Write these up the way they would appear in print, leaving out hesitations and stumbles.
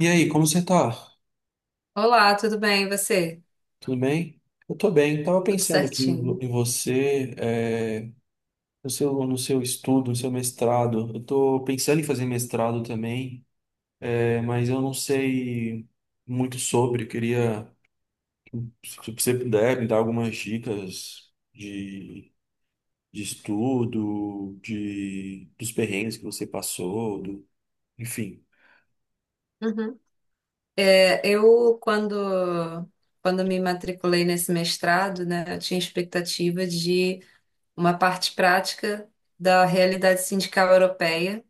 E aí, como você tá? Olá, tudo bem? E você? Tudo bem? Eu tô bem. Tava Tudo pensando aqui certinho. em você, no seu, no seu estudo, no seu mestrado. Eu tô pensando em fazer mestrado também, mas eu não sei muito sobre. Eu queria, se você puder, me dar algumas dicas de estudo, de, dos perrengues que você passou, do, enfim. Uhum. É, quando me matriculei nesse mestrado, né, eu tinha expectativa de uma parte prática da realidade sindical europeia,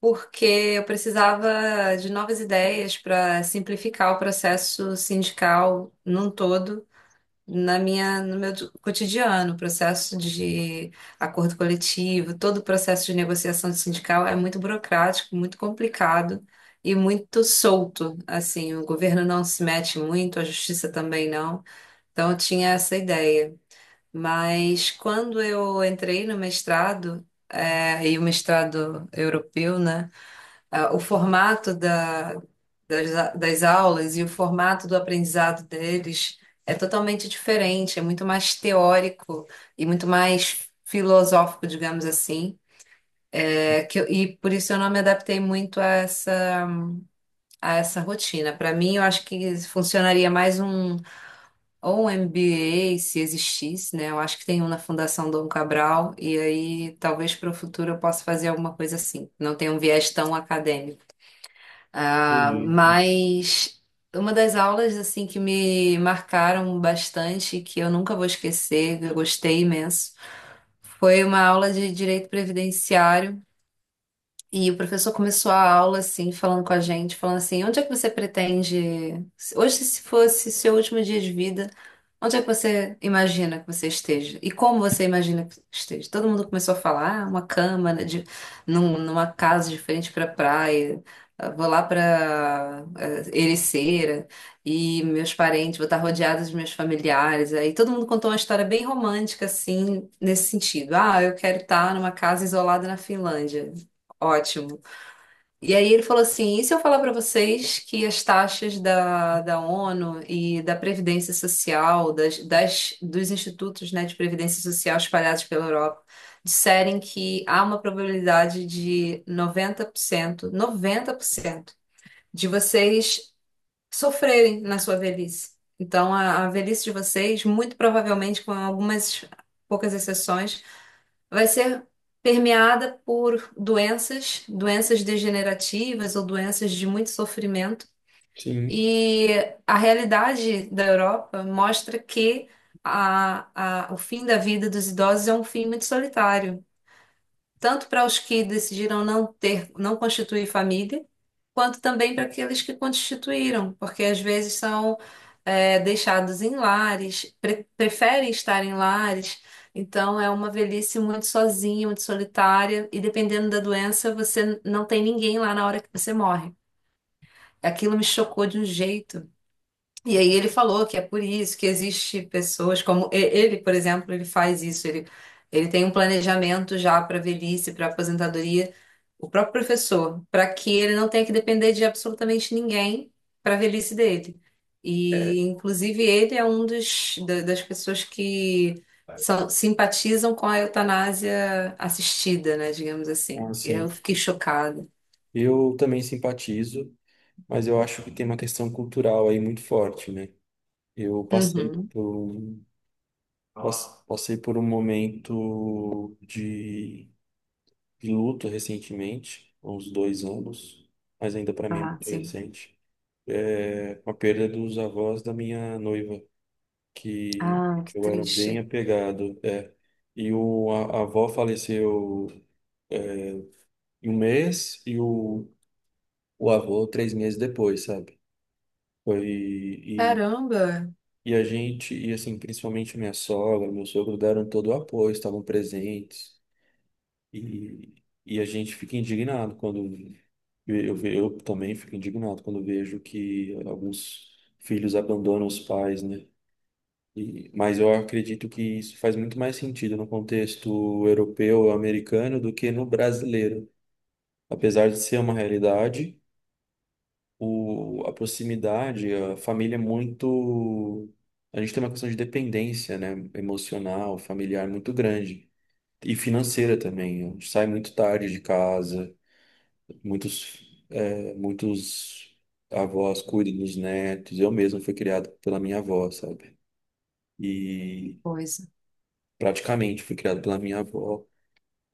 porque eu precisava de novas ideias para simplificar o processo sindical num todo. No meu cotidiano, o processo de acordo coletivo, todo o processo de negociação de sindical é muito burocrático, muito complicado e muito solto. Assim, o governo não se mete muito, a justiça também não. Então, eu tinha essa ideia. Mas quando eu entrei no mestrado, e o mestrado europeu, né? O formato das aulas e o formato do aprendizado deles é totalmente diferente, é muito mais teórico e muito mais filosófico, digamos assim. E por isso eu não me adaptei muito a essa rotina. Para mim, eu acho que funcionaria mais um ou um MBA, se existisse, né? Eu acho que tem um na Fundação Dom Cabral, e aí talvez para o futuro eu possa fazer alguma coisa assim. Não tem um viés tão acadêmico. Ah, Entendi. mas uma das aulas assim que me marcaram bastante, que eu nunca vou esquecer, eu gostei imenso, foi uma aula de direito previdenciário. E o professor começou a aula assim, falando com a gente, falando assim: onde é que você pretende, hoje, se fosse seu último dia de vida, onde é que você imagina que você esteja? E como você imagina que esteja? Todo mundo começou a falar: ah, uma cama, né, de, numa casa diferente para praia, ah, vou lá para Ericeira, e meus parentes, vou estar rodeada dos meus familiares. Aí todo mundo contou uma história bem romântica, assim, nesse sentido: ah, eu quero estar numa casa isolada na Finlândia. Ótimo. E aí ele falou assim: e se eu falar para vocês que as taxas da ONU e da Previdência Social, dos institutos, né, de Previdência Social espalhados pela Europa, disserem que há uma probabilidade de noventa por cento de vocês sofrerem na sua velhice. Então, a velhice de vocês, muito provavelmente, com algumas poucas exceções, vai ser permeada por doenças, doenças degenerativas ou doenças de muito sofrimento. Sim. E a realidade da Europa mostra que o fim da vida dos idosos é um fim muito solitário tanto para os que decidiram não ter, não constituir família, quanto também para aqueles que constituíram, porque às vezes são deixados em lares, preferem estar em lares, então é uma velhice muito sozinha, muito solitária, e dependendo da doença, você não tem ninguém lá na hora que você morre. Aquilo me chocou de um jeito. E aí ele falou que é por isso que existe pessoas como ele, por exemplo, ele faz isso, ele tem um planejamento já para velhice, para aposentadoria, o próprio professor, para que ele não tenha que depender de absolutamente ninguém para a velhice dele. E inclusive ele é um dos das pessoas que são, simpatizam com a eutanásia assistida, né, digamos Ah, assim. sim. Eu fiquei chocada. Eu também simpatizo, mas eu acho que tem uma questão cultural aí muito forte, né? Eu passei Uhum. por um, pass- Passei por um momento de luto recentemente, há uns 2 anos, mas ainda para mim é Ah, muito sim. recente. É com a perda dos avós da minha noiva, que Ah, que eu era bem triste. apegado, é. E a avó faleceu em um mês e o avô 3 meses depois, sabe? Foi, e Caramba, E a gente, e assim, principalmente minha sogra, meu sogro deram todo o apoio, estavam presentes. E, e a gente fica indignado quando eu também fico indignado quando vejo que alguns filhos abandonam os pais, né? E, mas eu acredito que isso faz muito mais sentido no contexto europeu, americano, do que no brasileiro. Apesar de ser uma realidade, o, a proximidade, a família é muito. A gente tem uma questão de dependência, né? Emocional, familiar muito grande. E financeira também. A gente sai muito tarde de casa, muitos, muitos avós cuidam dos netos. Eu mesmo fui criado pela minha avó, sabe? que E coisa. praticamente fui criado pela minha avó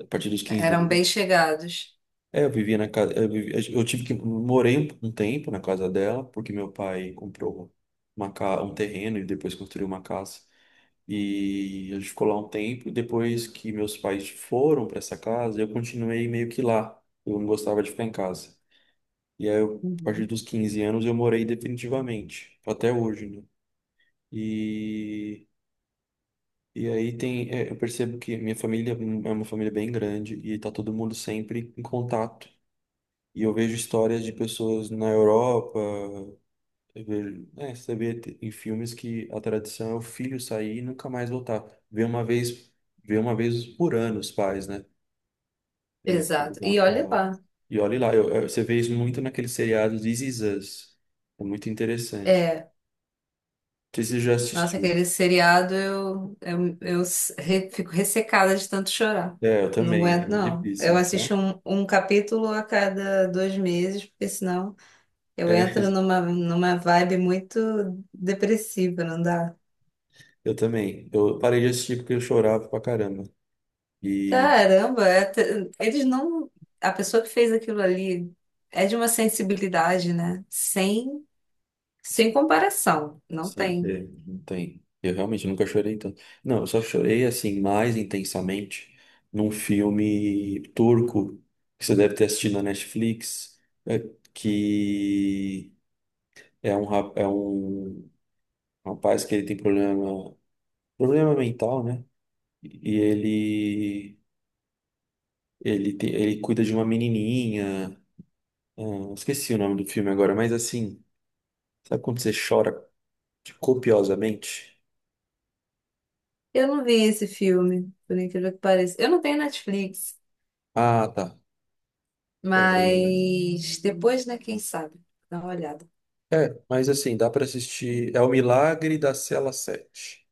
a partir dos 15 Eram bem anos. chegados. É, eu vivia na casa. Eu tive que. Morei um tempo na casa dela, porque meu pai comprou um terreno e depois construiu uma casa. E a gente ficou lá um tempo. E depois que meus pais foram para essa casa, eu continuei meio que lá. Eu não gostava de ficar em casa. E aí, eu, a partir Uhum. dos 15 anos, eu morei definitivamente, até hoje, né? E. E aí tem, é, eu percebo que minha família é uma família bem grande e tá todo mundo sempre em contato. E eu vejo histórias de pessoas na Europa, eu vejo, é, em filmes que a tradição é o filho sair e nunca mais voltar. Vê uma vez, vê uma vez por ano os pais, né? No pelo Exato. E olha Natal. lá. E olha lá, você vê isso muito naqueles seriados This Is Us. É muito interessante. É, Não sei se você já Nossa, assistiu. aquele seriado eu fico ressecada de tanto chorar. É, eu Não também, é aguento, não. difícil, Eu não? assisto um capítulo a cada 2 meses, porque senão eu É, entro numa vibe muito depressiva, não dá? eu também. Eu parei de assistir porque eu chorava pra caramba. E Caramba, eles não. A pessoa que fez aquilo ali é de uma sensibilidade, né? Sem comparação. Não sim, tem. é, não tem. Eu realmente nunca chorei tanto. Não, eu só chorei assim mais intensamente num filme turco que você deve ter assistido na Netflix, é, que é um, rap é um rapaz que ele tem problema, problema mental, né? E ele ele tem, ele cuida de uma menininha. Ah, esqueci o nome do filme agora, mas assim, sabe quando você chora copiosamente? Eu não vi esse filme, por incrível que pareça. Eu não tenho Netflix, Ah, tá. É, mas depois, né, quem sabe? Dá uma olhada. é, mas assim, dá pra assistir. É o Milagre da Cela Sete.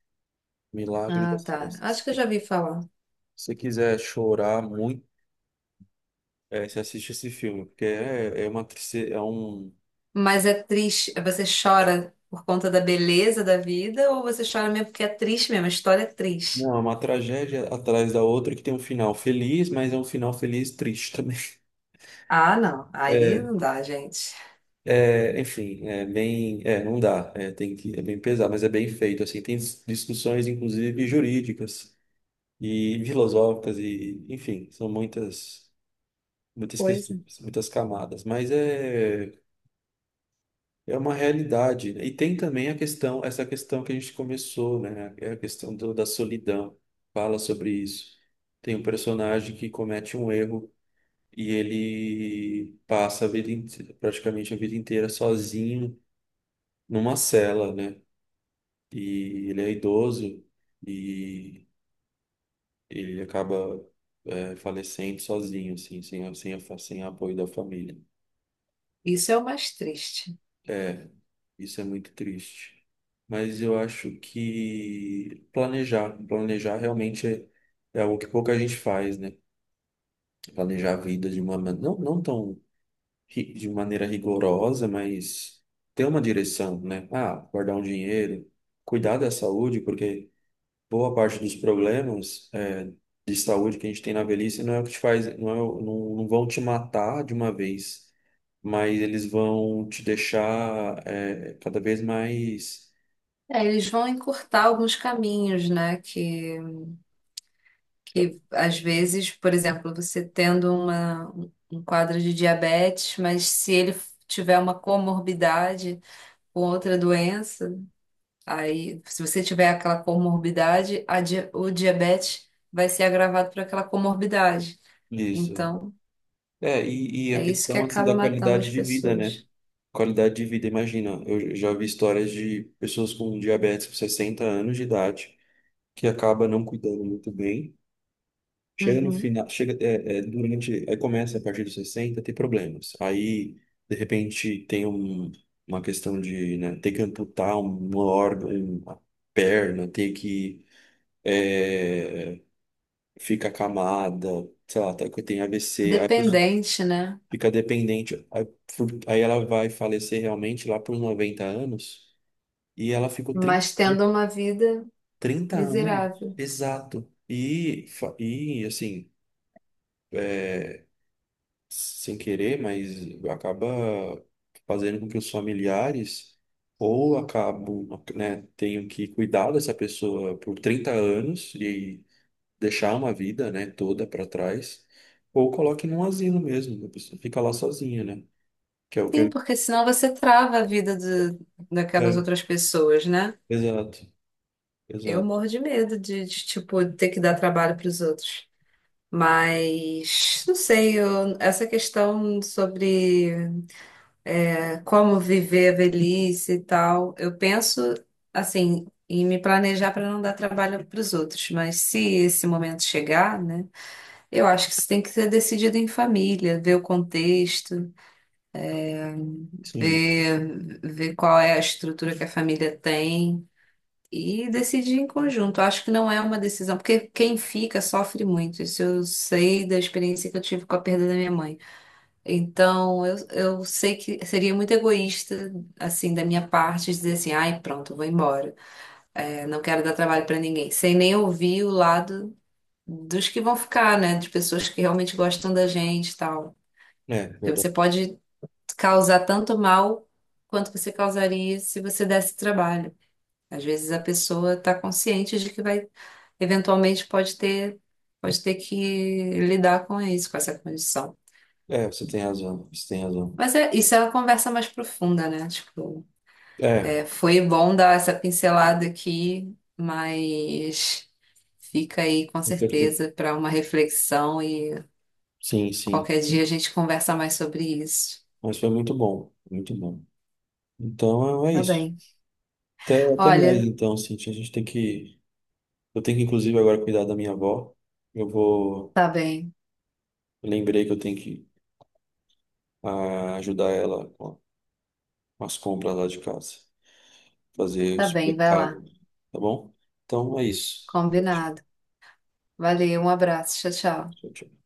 Milagre da Ah, Cela tá. Acho que eu Sete. já vi falar. Se você quiser chorar muito, é, você assiste esse filme, porque é, é um, Mas é triste. Você chora por conta da beleza da vida ou você chora mesmo porque é triste mesmo? A história é triste. não, é uma tragédia atrás da outra que tem um final feliz, mas é um final feliz triste também. Ah, não. Aí É, não dá, gente. é, enfim, é bem, é, não dá, é, tem que, é bem pesado, mas é bem feito, assim, discussões, inclusive, jurídicas e filosóficas e, enfim, são muitas muitas Pois é. questões, muitas camadas, mas é é uma realidade, né? E tem também a questão, essa questão que a gente começou, né? É a questão do- da solidão. Fala sobre isso. Tem um personagem que comete um erro e ele passa a vida inte- praticamente a vida inteira sozinho numa cela, né? E ele é idoso e ele acaba é, falecendo sozinho, assim, sem, sem, sem apoio da família. Isso é o mais triste. Isso é muito triste. Mas eu acho que planejar, planejar realmente é, é algo que pouca gente faz, né? Planejar a vida de uma man- Não, de maneira rigorosa, mas ter uma direção, né? Ah, guardar um dinheiro, cuidar da saúde, porque boa parte dos problemas é, de saúde que a gente tem na velhice não é o que te faz, não, é, o- não, não vão te matar de uma vez, mas eles vão te deixar é, cada vez mais. É, eles vão encurtar alguns caminhos, né? Que às vezes, por exemplo, você tendo um quadro de diabetes, mas se ele tiver uma comorbidade com outra doença, aí se você tiver aquela comorbidade, o diabetes vai ser agravado por aquela comorbidade. Isso. Então, É, e a é isso que questão assim acaba da matando as qualidade de vida, né? pessoas. Qualidade de vida, imagina, eu já vi histórias de pessoas com diabetes com 60 anos de idade que acaba não cuidando muito bem. Chega no Uhum. final, chega é, é, durante, aí começa a partir dos 60 a ter problemas. Aí, de repente, tem um, uma questão de, né, ter que amputar um órgão, uma perna, ter que é, fica acamada, sei lá, tá- tem AVC. Dependente, né? Fica dependente. Aí, fu- aí ela vai falecer realmente lá por 90 anos e ela ficou 30 Mas tendo uma vida 30 anos, miserável. exato. E, fa- e assim, sem querer, mas acaba fazendo com que os familiares ou acabam, né, tenham que cuidar dessa pessoa por 30 anos e deixar uma vida, né, toda para trás, ou coloque num asilo mesmo, né, a pessoa fica lá sozinha, né? Que é o que Sim, eu... porque senão você trava a vida daquelas É, outras pessoas, né? exato. Eu Exato. morro de medo de, tipo, ter que dar trabalho para os outros. Mas, não sei, essa questão sobre como viver a velhice e tal, eu penso, assim, em me planejar para não dar trabalho para os outros. Mas se esse momento chegar, né, eu acho que isso tem que ser decidido em família, ver o contexto, Sim, ver qual é a estrutura que a família tem. E decidir em conjunto. Acho que não é uma decisão, porque quem fica sofre muito. Isso eu sei da experiência que eu tive com a perda da minha mãe. Então, eu sei que seria muito egoísta, assim, da minha parte, dizer assim: ai, pronto, eu vou embora. É, não quero dar trabalho para ninguém. Sem nem ouvir o lado dos que vão ficar, né? De pessoas que realmente gostam da gente e tal. é Porque verdade. você pode causar tanto mal quanto você causaria se você desse trabalho. Às vezes a pessoa está consciente de que vai, eventualmente pode ter que lidar com isso, com essa condição. É, você tem razão, você tem razão. Mas isso é uma conversa mais profunda, né? Tipo, É, foi bom dar essa pincelada aqui, mas fica aí com eu quero ter. certeza para uma reflexão e Sim, sim. qualquer dia a gente conversa mais sobre isso. Mas foi muito bom, muito bom. Então é é Tá isso. bem. Até, até mais, Olha, então, Cintia. A gente tem que. Eu tenho que, inclusive, agora cuidar da minha avó. Eu vou. tá bem, Eu lembrei que eu tenho que ajudar ela com as compras lá de casa. Fazer o tá bem, vai supermercado, lá. tá bom? Então é isso. Combinado. Valeu, um abraço, tchau, tchau. Tchau, tchau.